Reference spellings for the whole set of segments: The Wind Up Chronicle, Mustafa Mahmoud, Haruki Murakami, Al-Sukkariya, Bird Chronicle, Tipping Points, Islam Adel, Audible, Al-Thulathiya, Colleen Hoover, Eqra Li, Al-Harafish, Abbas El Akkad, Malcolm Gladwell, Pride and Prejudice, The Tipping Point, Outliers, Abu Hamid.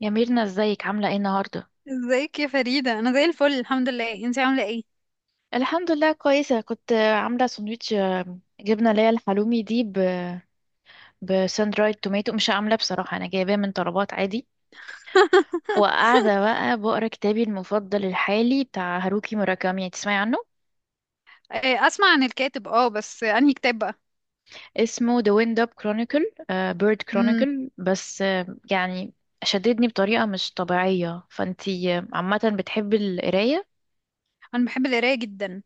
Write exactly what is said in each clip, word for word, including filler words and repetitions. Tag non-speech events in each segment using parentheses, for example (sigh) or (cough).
يا ميرنا ازيك عاملة ايه النهاردة؟ ازيك يا فريدة، انا زي الفل، الحمد لله. انتي عاملة ايه؟ الحمد لله كويسة. كنت عاملة سندوتش جبنة اللي هي الحلومي دي ب... بساند رايد توماتو. مش عاملة بصراحة، أنا جايباه من طلبات عادي. وقاعدة بقى بقرا كتابي المفضل الحالي بتاع هاروكي موراكامي، يعني تسمعي عنه؟ آه، اسمع عن الكاتب. اه بس انهي كتاب بقى؟ اسمه The Wind Up Chronicle، آه, Bird امم. Chronicle، بس آه، يعني شددني بطريقة مش طبيعية. فانتي آه، عامة بتحبي القراية؟ انا بحب القراية جدا.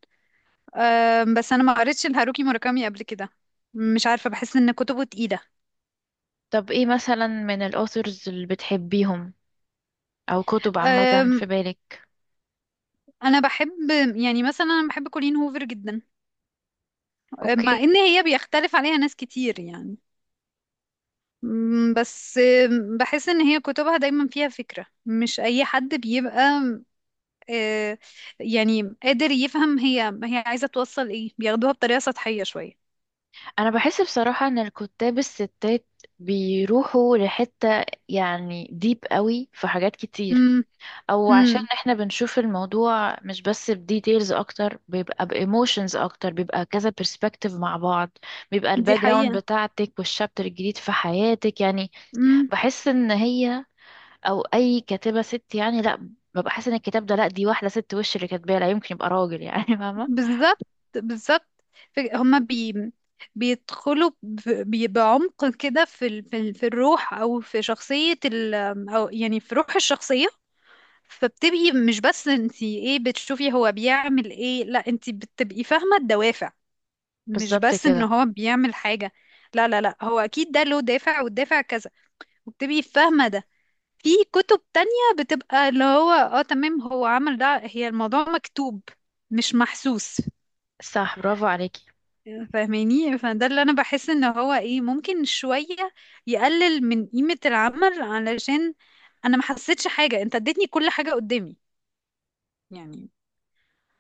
أم بس انا ما قريتش الهاروكي موراكامي قبل كده. مش عارفة، بحس ان كتبه تقيلة. طب ايه مثلا من الأوثرز اللي بتحبيهم أو كتب عامة أم. في بالك؟ انا بحب. يعني مثلا انا بحب كولين هوفر جدا. أم، مع اوكي. ان هي بيختلف عليها ناس كتير يعني. أم، بس أم، بحس ان هي كتبها دايما فيها فكرة مش اي حد بيبقى. آه، يعني قادر يفهم هي هي عايزة توصل ايه، بياخدوها بطريقة سطحية شوية. انا بحس بصراحة ان الكتاب الستات بيروحوا لحتة يعني ديب قوي في حاجات كتير، امم. او عشان امم. احنا بنشوف الموضوع مش بس بديتيلز اكتر، بيبقى بايموشنز اكتر، بيبقى كذا برسبكتيف مع بعض. بيبقى دي الباك جراوند حقيقة. بتاعتك والشابتر الجديد في حياتك يعني. امم. بحس ان هي او اي كاتبة ست، يعني لا، ببقى حاسة ان الكتاب ده، لا دي واحدة ست وش اللي كاتباه، لا يمكن يبقى راجل يعني (laughs) فاهمة؟ بالظبط. بالظبط. ف- هما بي بيدخلوا ب- بي- بعمق كده في ال... في ال- في الروح، او في شخصية ال... او يعني في روح الشخصية. فبتبقي مش بس انتي ايه بتشوفي هو بيعمل ايه، لا، انتي بتبقي فاهمة الدوافع. مش بالظبط بس ان كده. هو بيعمل حاجة. لا، لا، لا، هو اكيد ده له دافع والدافع كذا. وبتبقي فاهمة ده. في كتب تانية بتبقى اللي هو اه تمام، هو عمل ده، هي الموضوع مكتوب، مش محسوس. صح، برافو عليكي. فاهماني؟ فده اللي انا بحس ان هو ايه، ممكن شوية يقلل من قيمة العمل، علشان انا ما حسيتش حاجة، انت اديتني كل حاجة قدامي، يعني.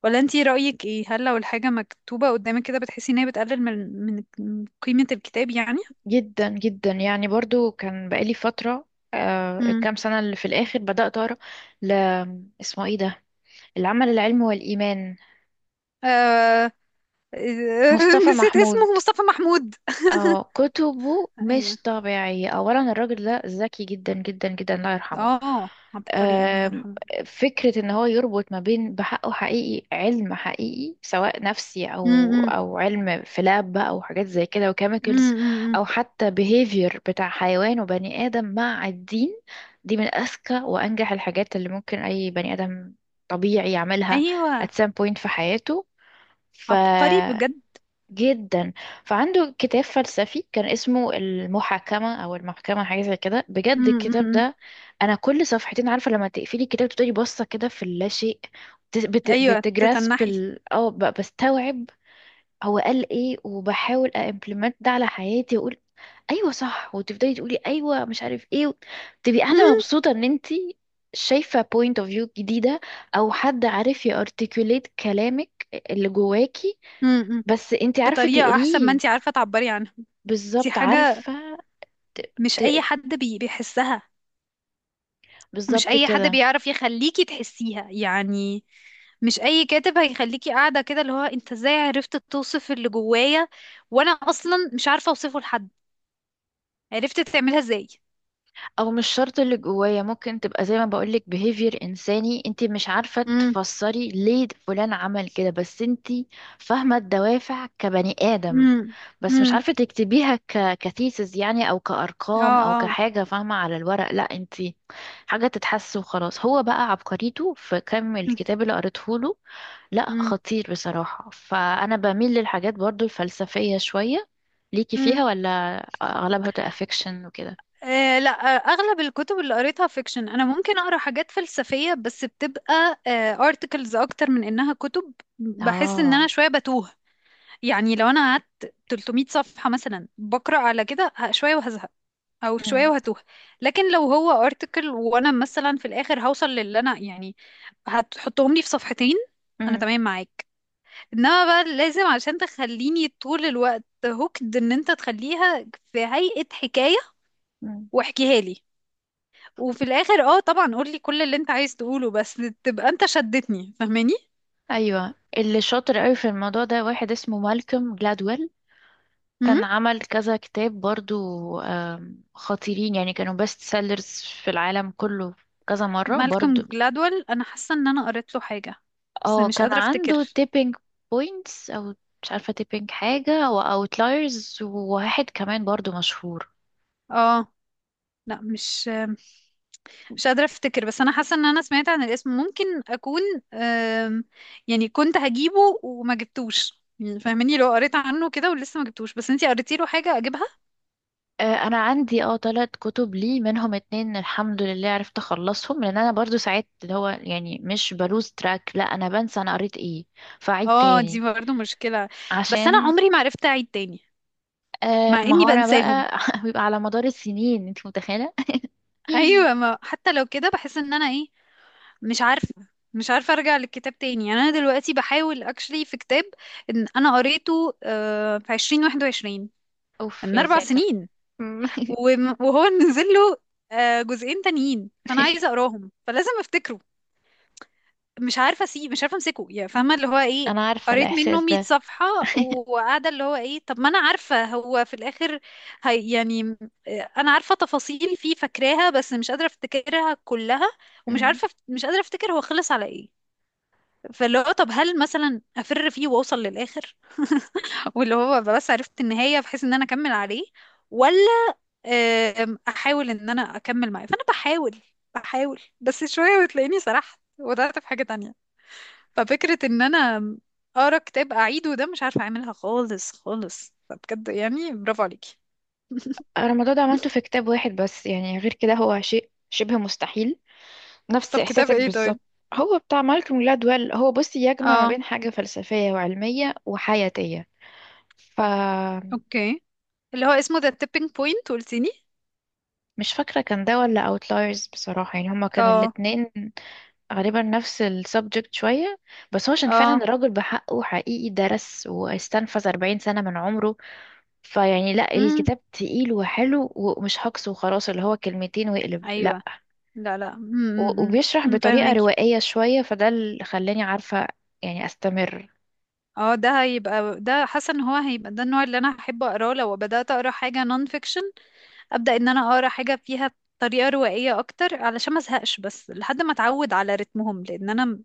ولا انتي رأيك ايه؟ هل لو الحاجة مكتوبة قدامك كده بتحسي ان هي بتقلل من من من قيمة الكتاب يعني؟ جدا جدا يعني برضو، كان بقالي فترة آه امم. الكام سنة اللي في الآخر بدأت أقرأ ل اسمه ايه ده، العمل العلمي والإيمان. آه. (laughs) مصطفى نسيت محمود، اسمه، مصطفى محمود. اه كتبه (laughs) ايوه. مش طبيعية. أولا الراجل ده ذكي جدا جدا جدا، الله يرحمه. اه، عبقري الله آم، يرحمه. فكرة ان هو يربط ما بين بحقه حقيقي علم حقيقي، سواء نفسي او امم. او علم في لاب بقى، او حاجات زي كده وكيميكلز، امم. او حتى behavior بتاع حيوان وبني ادم مع الدين. دي من اذكى وانجح الحاجات اللي ممكن اي بني ادم طبيعي يعملها at ايوه. some point في حياته. ف عبقري بجد. جدا. فعنده كتاب فلسفي كان اسمه المحاكمة أو المحكمة، حاجة زي كده، بجد الكتاب امم. ده أنا كل صفحتين، عارفة لما تقفلي الكتاب تفضلي باصة كده في اللاشيء. بت- بت- ايوه، بتجرasp تتنحي. ال أو ب- بستوعب هو قال إيه، وبحاول أمبلمنت ده على حياتي، وأقول أيوة صح، وتفضلي تقولي أيوة مش عارف إيه. تبقي قاعدة (laughs) مبسوطة إن أنتي شايفة point of view جديدة، أو حد عارف يارتكوليت كلامك اللي جواكي، امم. بس انت عارفة بطريقه احسن ما تقريه. انتي عارفه تعبري عنها. دي بالظبط، حاجه. عارفة. ت... مش اي ت... حد بي بيحسها. مش بالظبط اي حد كده. بيعرف يخليكي تحسيها يعني. مش اي كاتب هيخليكي قاعده كده، اللي هو انت ازاي عرفت توصف اللي جوايا وانا اصلا مش عارفه اوصفه لحد؟ عرفت تعملها ازاي؟ او مش شرط اللي جوايا، ممكن تبقى زي ما بقولك behavior انساني، انت مش عارفة امم. تفسري ليه فلان عمل كده، بس انت فاهمة الدوافع كبني آدم، امم. بس مش امم. عارفة تكتبيها ك... كثيسز يعني، او اه، كأرقام او اه. كحاجة فاهمة على الورق. لا انت حاجة تتحس وخلاص. هو بقى عبقريته في كم (laughs) الكتاب اللي قريته له، لا مم. خطير بصراحة. فأنا بميل للحاجات برضو الفلسفية شوية، ليكي مم. فيها ولا أغلبها تبقى فيكشن وكده؟ آه، لا. آه، اغلب الكتب اللي قريتها فيكشن. انا ممكن اقرا حاجات فلسفيه بس بتبقى ارتكلز اكتر من انها كتب. بحس ان انا اه. شويه بتوه. يعني لو انا قعدت ثلاثمية صفحه مثلا بقرا على كده، ه- شويه وهزهق، او شويه مم. وهتوه. لكن لو هو ارتكل، وانا مثلا في الاخر هوصل للي انا يعني هتحطهم لي في صفحتين، انا مم. تمام معاك. انما بقى لازم عشان تخليني طول الوقت هوكد ان انت تخليها في هيئة حكاية، مم. واحكيها لي، وفي الاخر اه طبعا قول لي كل اللي انت عايز تقوله، بس تبقى انت شدتني، فاهماني؟ أيوة اللي شاطر قوي في الموضوع ده واحد اسمه مالكوم جلادويل، امم. كان عمل كذا كتاب برضو. آم، خطيرين يعني، كانوا بيست سيلرز في العالم كله كذا مرة مالكم برضو. جلادويل، انا حاسه ان انا قريت له حاجه بس اه مش كان قادره عنده افتكر. تيبينج بوينتس، أو مش عارفة تيبينج حاجة، أو أوتلايرز، وواحد كمان برضو مشهور. اه، لا، مش مش قادره افتكر، بس انا حاسه ان انا سمعت عن الاسم، ممكن اكون آم، يعني كنت هجيبه وما جبتوش. يعني فاهماني؟ لو قريت عنه كده ولسه ما جبتوش بس انتي قريتي له حاجه، اجيبها. آه، انا عندي اه ثلاث كتب، لي منهم اتنين الحمد لله عرفت اخلصهم، لان انا برضو ساعات اللي هو يعني مش بلوز تراك، لا انا بنسى انا قريت ايه فاعيد اه، دي تاني. برضه مشكله. بس انا عشان عمري ما عرفت اعيد تاني، آه مع ما اني هو انا بنساهم. بقى (laughs) بيبقى على مدار السنين، انت متخيله؟ ايوه، (laughs) ما حتى لو كده بحس ان انا ايه، مش عارفة، مش عارفة أرجع للكتاب تاني يعني. أنا دلوقتي بحاول أكشلي في كتاب إن أنا قريته آه، في عشرين واحد وعشرين، اوف من يا أربع ساتر. سنين مم. وم- وهو نزل له آه، جزئين تانيين، فأنا عايزة (laughs) أقراهم، فلازم أفتكره. مش عارفة أسيب، مش عارفة أمسكه، يعني فاهمة اللي هو إيه؟ انا عارفه قريت منه الاحساس ميت ده. صفحة، و- وقاعدة اللي هو إيه. طب ما أنا عارفة هو في الآخر هي يعني، آه، أنا عارفة تفاصيل فيه فاكراها بس مش قادرة أفتكرها كلها، ومش مم. عارفة، مش قادرة أفتكر هو خلص على إيه. فاللي هو طب هل مثلا أفر فيه وأوصل للآخر (laughs) واللي هو أبقى بس عرفت النهاية بحيث إن أنا أكمل عليه؟ ولا آم، أحاول إن أنا أكمل معاه؟ فأنا بحاول بحاول بس شوية وتلاقيني سرحت وضعت في حاجة تانية. ففكرة إن أنا أقرأ كتاب أعيده، ده مش عارفة أعملها خالص خالص، فبجد يعني برافو عليكي. انا الموضوع ده عملته (laughs) في كتاب واحد بس، يعني غير كده هو شيء شبه مستحيل. نفس طب كتاب احساسك إيه طيب؟ بالظبط. هو بتاع مالكوم جلادويل، هو بصي يجمع ما اه. بين حاجة فلسفية وعلمية وحياتية. فمش اوكي. اللي هو اسمه The Tipping Point، قلتيني. فاكرة كان ده ولا اوتلايرز بصراحة، يعني هما كانوا اه. الاتنين غالبا نفس السبجكت شوية. بس هو عشان اه. فعلا الراجل بحقه حقيقي درس واستنفذ أربعين سنة من عمره، فيعني لا امم. الكتاب تقيل وحلو، ومش هجص وخلاص اللي هو كلمتين ويقلب، لا. ايوه. لا، لا، امم، أمم، و- أمم. وبيشرح انا بطريقة فاهمك. روائية شوية، فده اللي خلاني عارفة يعني استمر. اه، ده هيبقى، ده حاسه ان هو هيبقى، ده النوع اللي انا هحب اقراه لو بدات اقرا حاجه نون فيكشن. ابدا ان انا اقرا حاجه فيها طريقه روائيه اكتر علشان ما ازهقش، بس لحد ما اتعود على رتمهم لان انا م-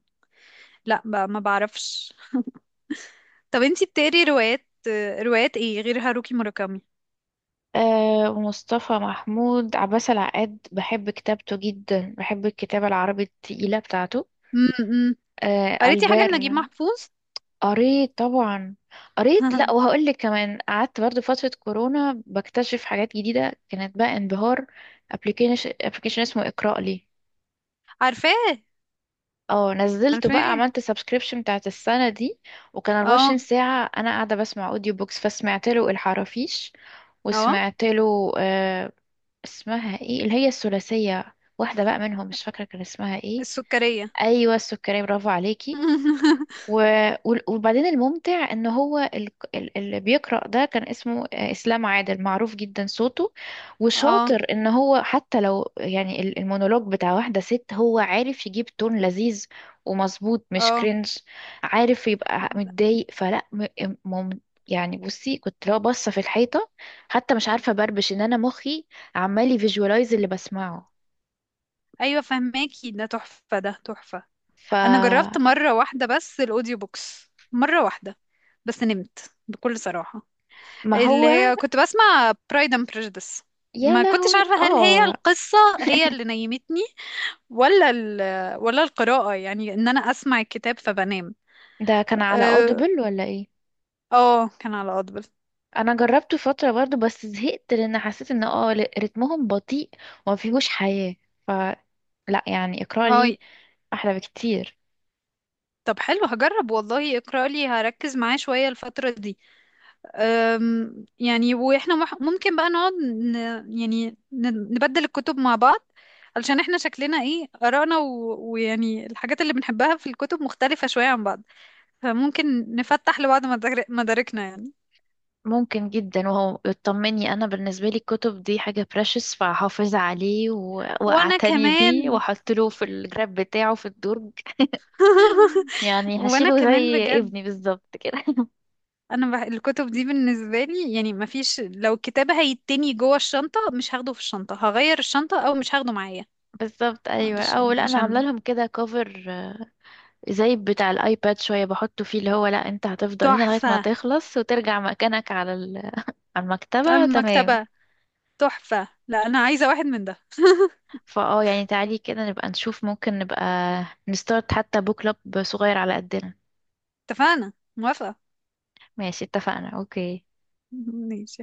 لا ب- ما بعرفش. طب انتي بتقري روايات؟ روايات ايه غير هاروكي موراكامي؟ آه ومصطفى محمود، عباس العقاد بحب كتابته جدا، بحب الكتابة العربي التقيلة بتاعته. امم. آه قريتي حاجه لنجيب ألبير. محفوظ؟ قريت طبعا. قريت، لا (laughs) وهقول لك كمان، قعدت برضو فترة كورونا بكتشف حاجات جديدة، كانت بقى انبهار. ابلكيشن ابلكيشن اسمه اقرأ لي. عارفاه. اه نزلته بقى، عارفاه. عملت سبسكريبشن بتاعت السنة دي، وكان أربعة وعشرين اه. ساعة انا قاعدة بسمع اوديو بوكس. فسمعت له الحرافيش، اه. وسمعت له آه، اسمها ايه اللي هي الثلاثية، واحدة بقى منهم مش فاكرة كان اسمها ايه. السكريه. ايوه السكرية، برافو عليكي. (laughs) و... وال- وبعدين الممتع ان هو ال... ال- اللي بيقرأ ده كان اسمه آه، اسلام عادل، معروف جدا صوته. اه. وشاطر ان هو حتى لو يعني ال- المونولوج بتاع واحدة ست، هو عارف يجيب تون لذيذ ومظبوط مش اه. كرنج. عارف يبقى متضايق فلا م... مم... يعني. بصي كنت لو باصة في الحيطة، حتى مش عارفة بربش ان انا مخي عمال يفيجوالايز اللي بسمعه. ايوه فهماكي، ده تحفه، ده تحفه. انا فما جربت مره واحده بس الاوديو بوكس، مره واحده بس نمت بكل صراحه. اللي هو، هي كنت بسمع برايد اند بريجديس. يا ما كنتش لهوي عارفه هل هي اه. القصه هي اللي نيمتني ولا ال ولا القراءه، يعني ان انا اسمع الكتاب فبنام. ده كان على اه. اوديبل ولا ايه؟ آه، كان على اودبل. انا جربته فتره برضو بس زهقت، لان حسيت ان اه ل- رتمهم بطيء وما فيهوش حياه. ف لا يعني اقرا اه. لي احلى بكتير. طب حلو، هجرب والله اقرا لي، هركز معاه شويه الفتره دي. أم، يعني واحنا مح- ممكن بقى نقعد ن... يعني ن- نبدل الكتب مع بعض، علشان احنا شكلنا ايه آرائنا و... ويعني الحاجات اللي بنحبها في الكتب مختلفة شوية عن بعض. فممكن نفتح لبعض مدار- مداركنا يعني. ممكن جدا، وهو يطمني، انا بالنسبه لي الكتب دي حاجه بريشس، فهحافظ عليه و... وانا واعتني بيه، كمان. واحط له في الجراب بتاعه في الدرج. (laughs) (laughs) يعني وانا هشيله كمان زي بجد. ابني بالظبط كده. (laughs) انا بح... الكتب دي بالنسبه لي يعني ما فيش، لو الكتاب هيتني جوه الشنطه، مش هاخده في الشنطه، هغير الشنطه او مش هاخده معايا. بالظبط ايوه. معلش او يعني لا انا عامله عشان. لهم كده كفر زي بتاع الايباد شويه، بحطه فيه اللي هو لا انت هتفضل هنا لغايه ما تحفه. تخلص وترجع مكانك على ال- على تعال المكتبه، تمام. المكتبه. تحفة. لا، أنا عايزة واحد من ده. فاه يعني تعالي كده نبقى نشوف، ممكن نبقى نستارت حتى بوك كلاب صغير على قدنا. اتفقنا، موافقة. ماشي اتفقنا، اوكي. (laughs) ماشي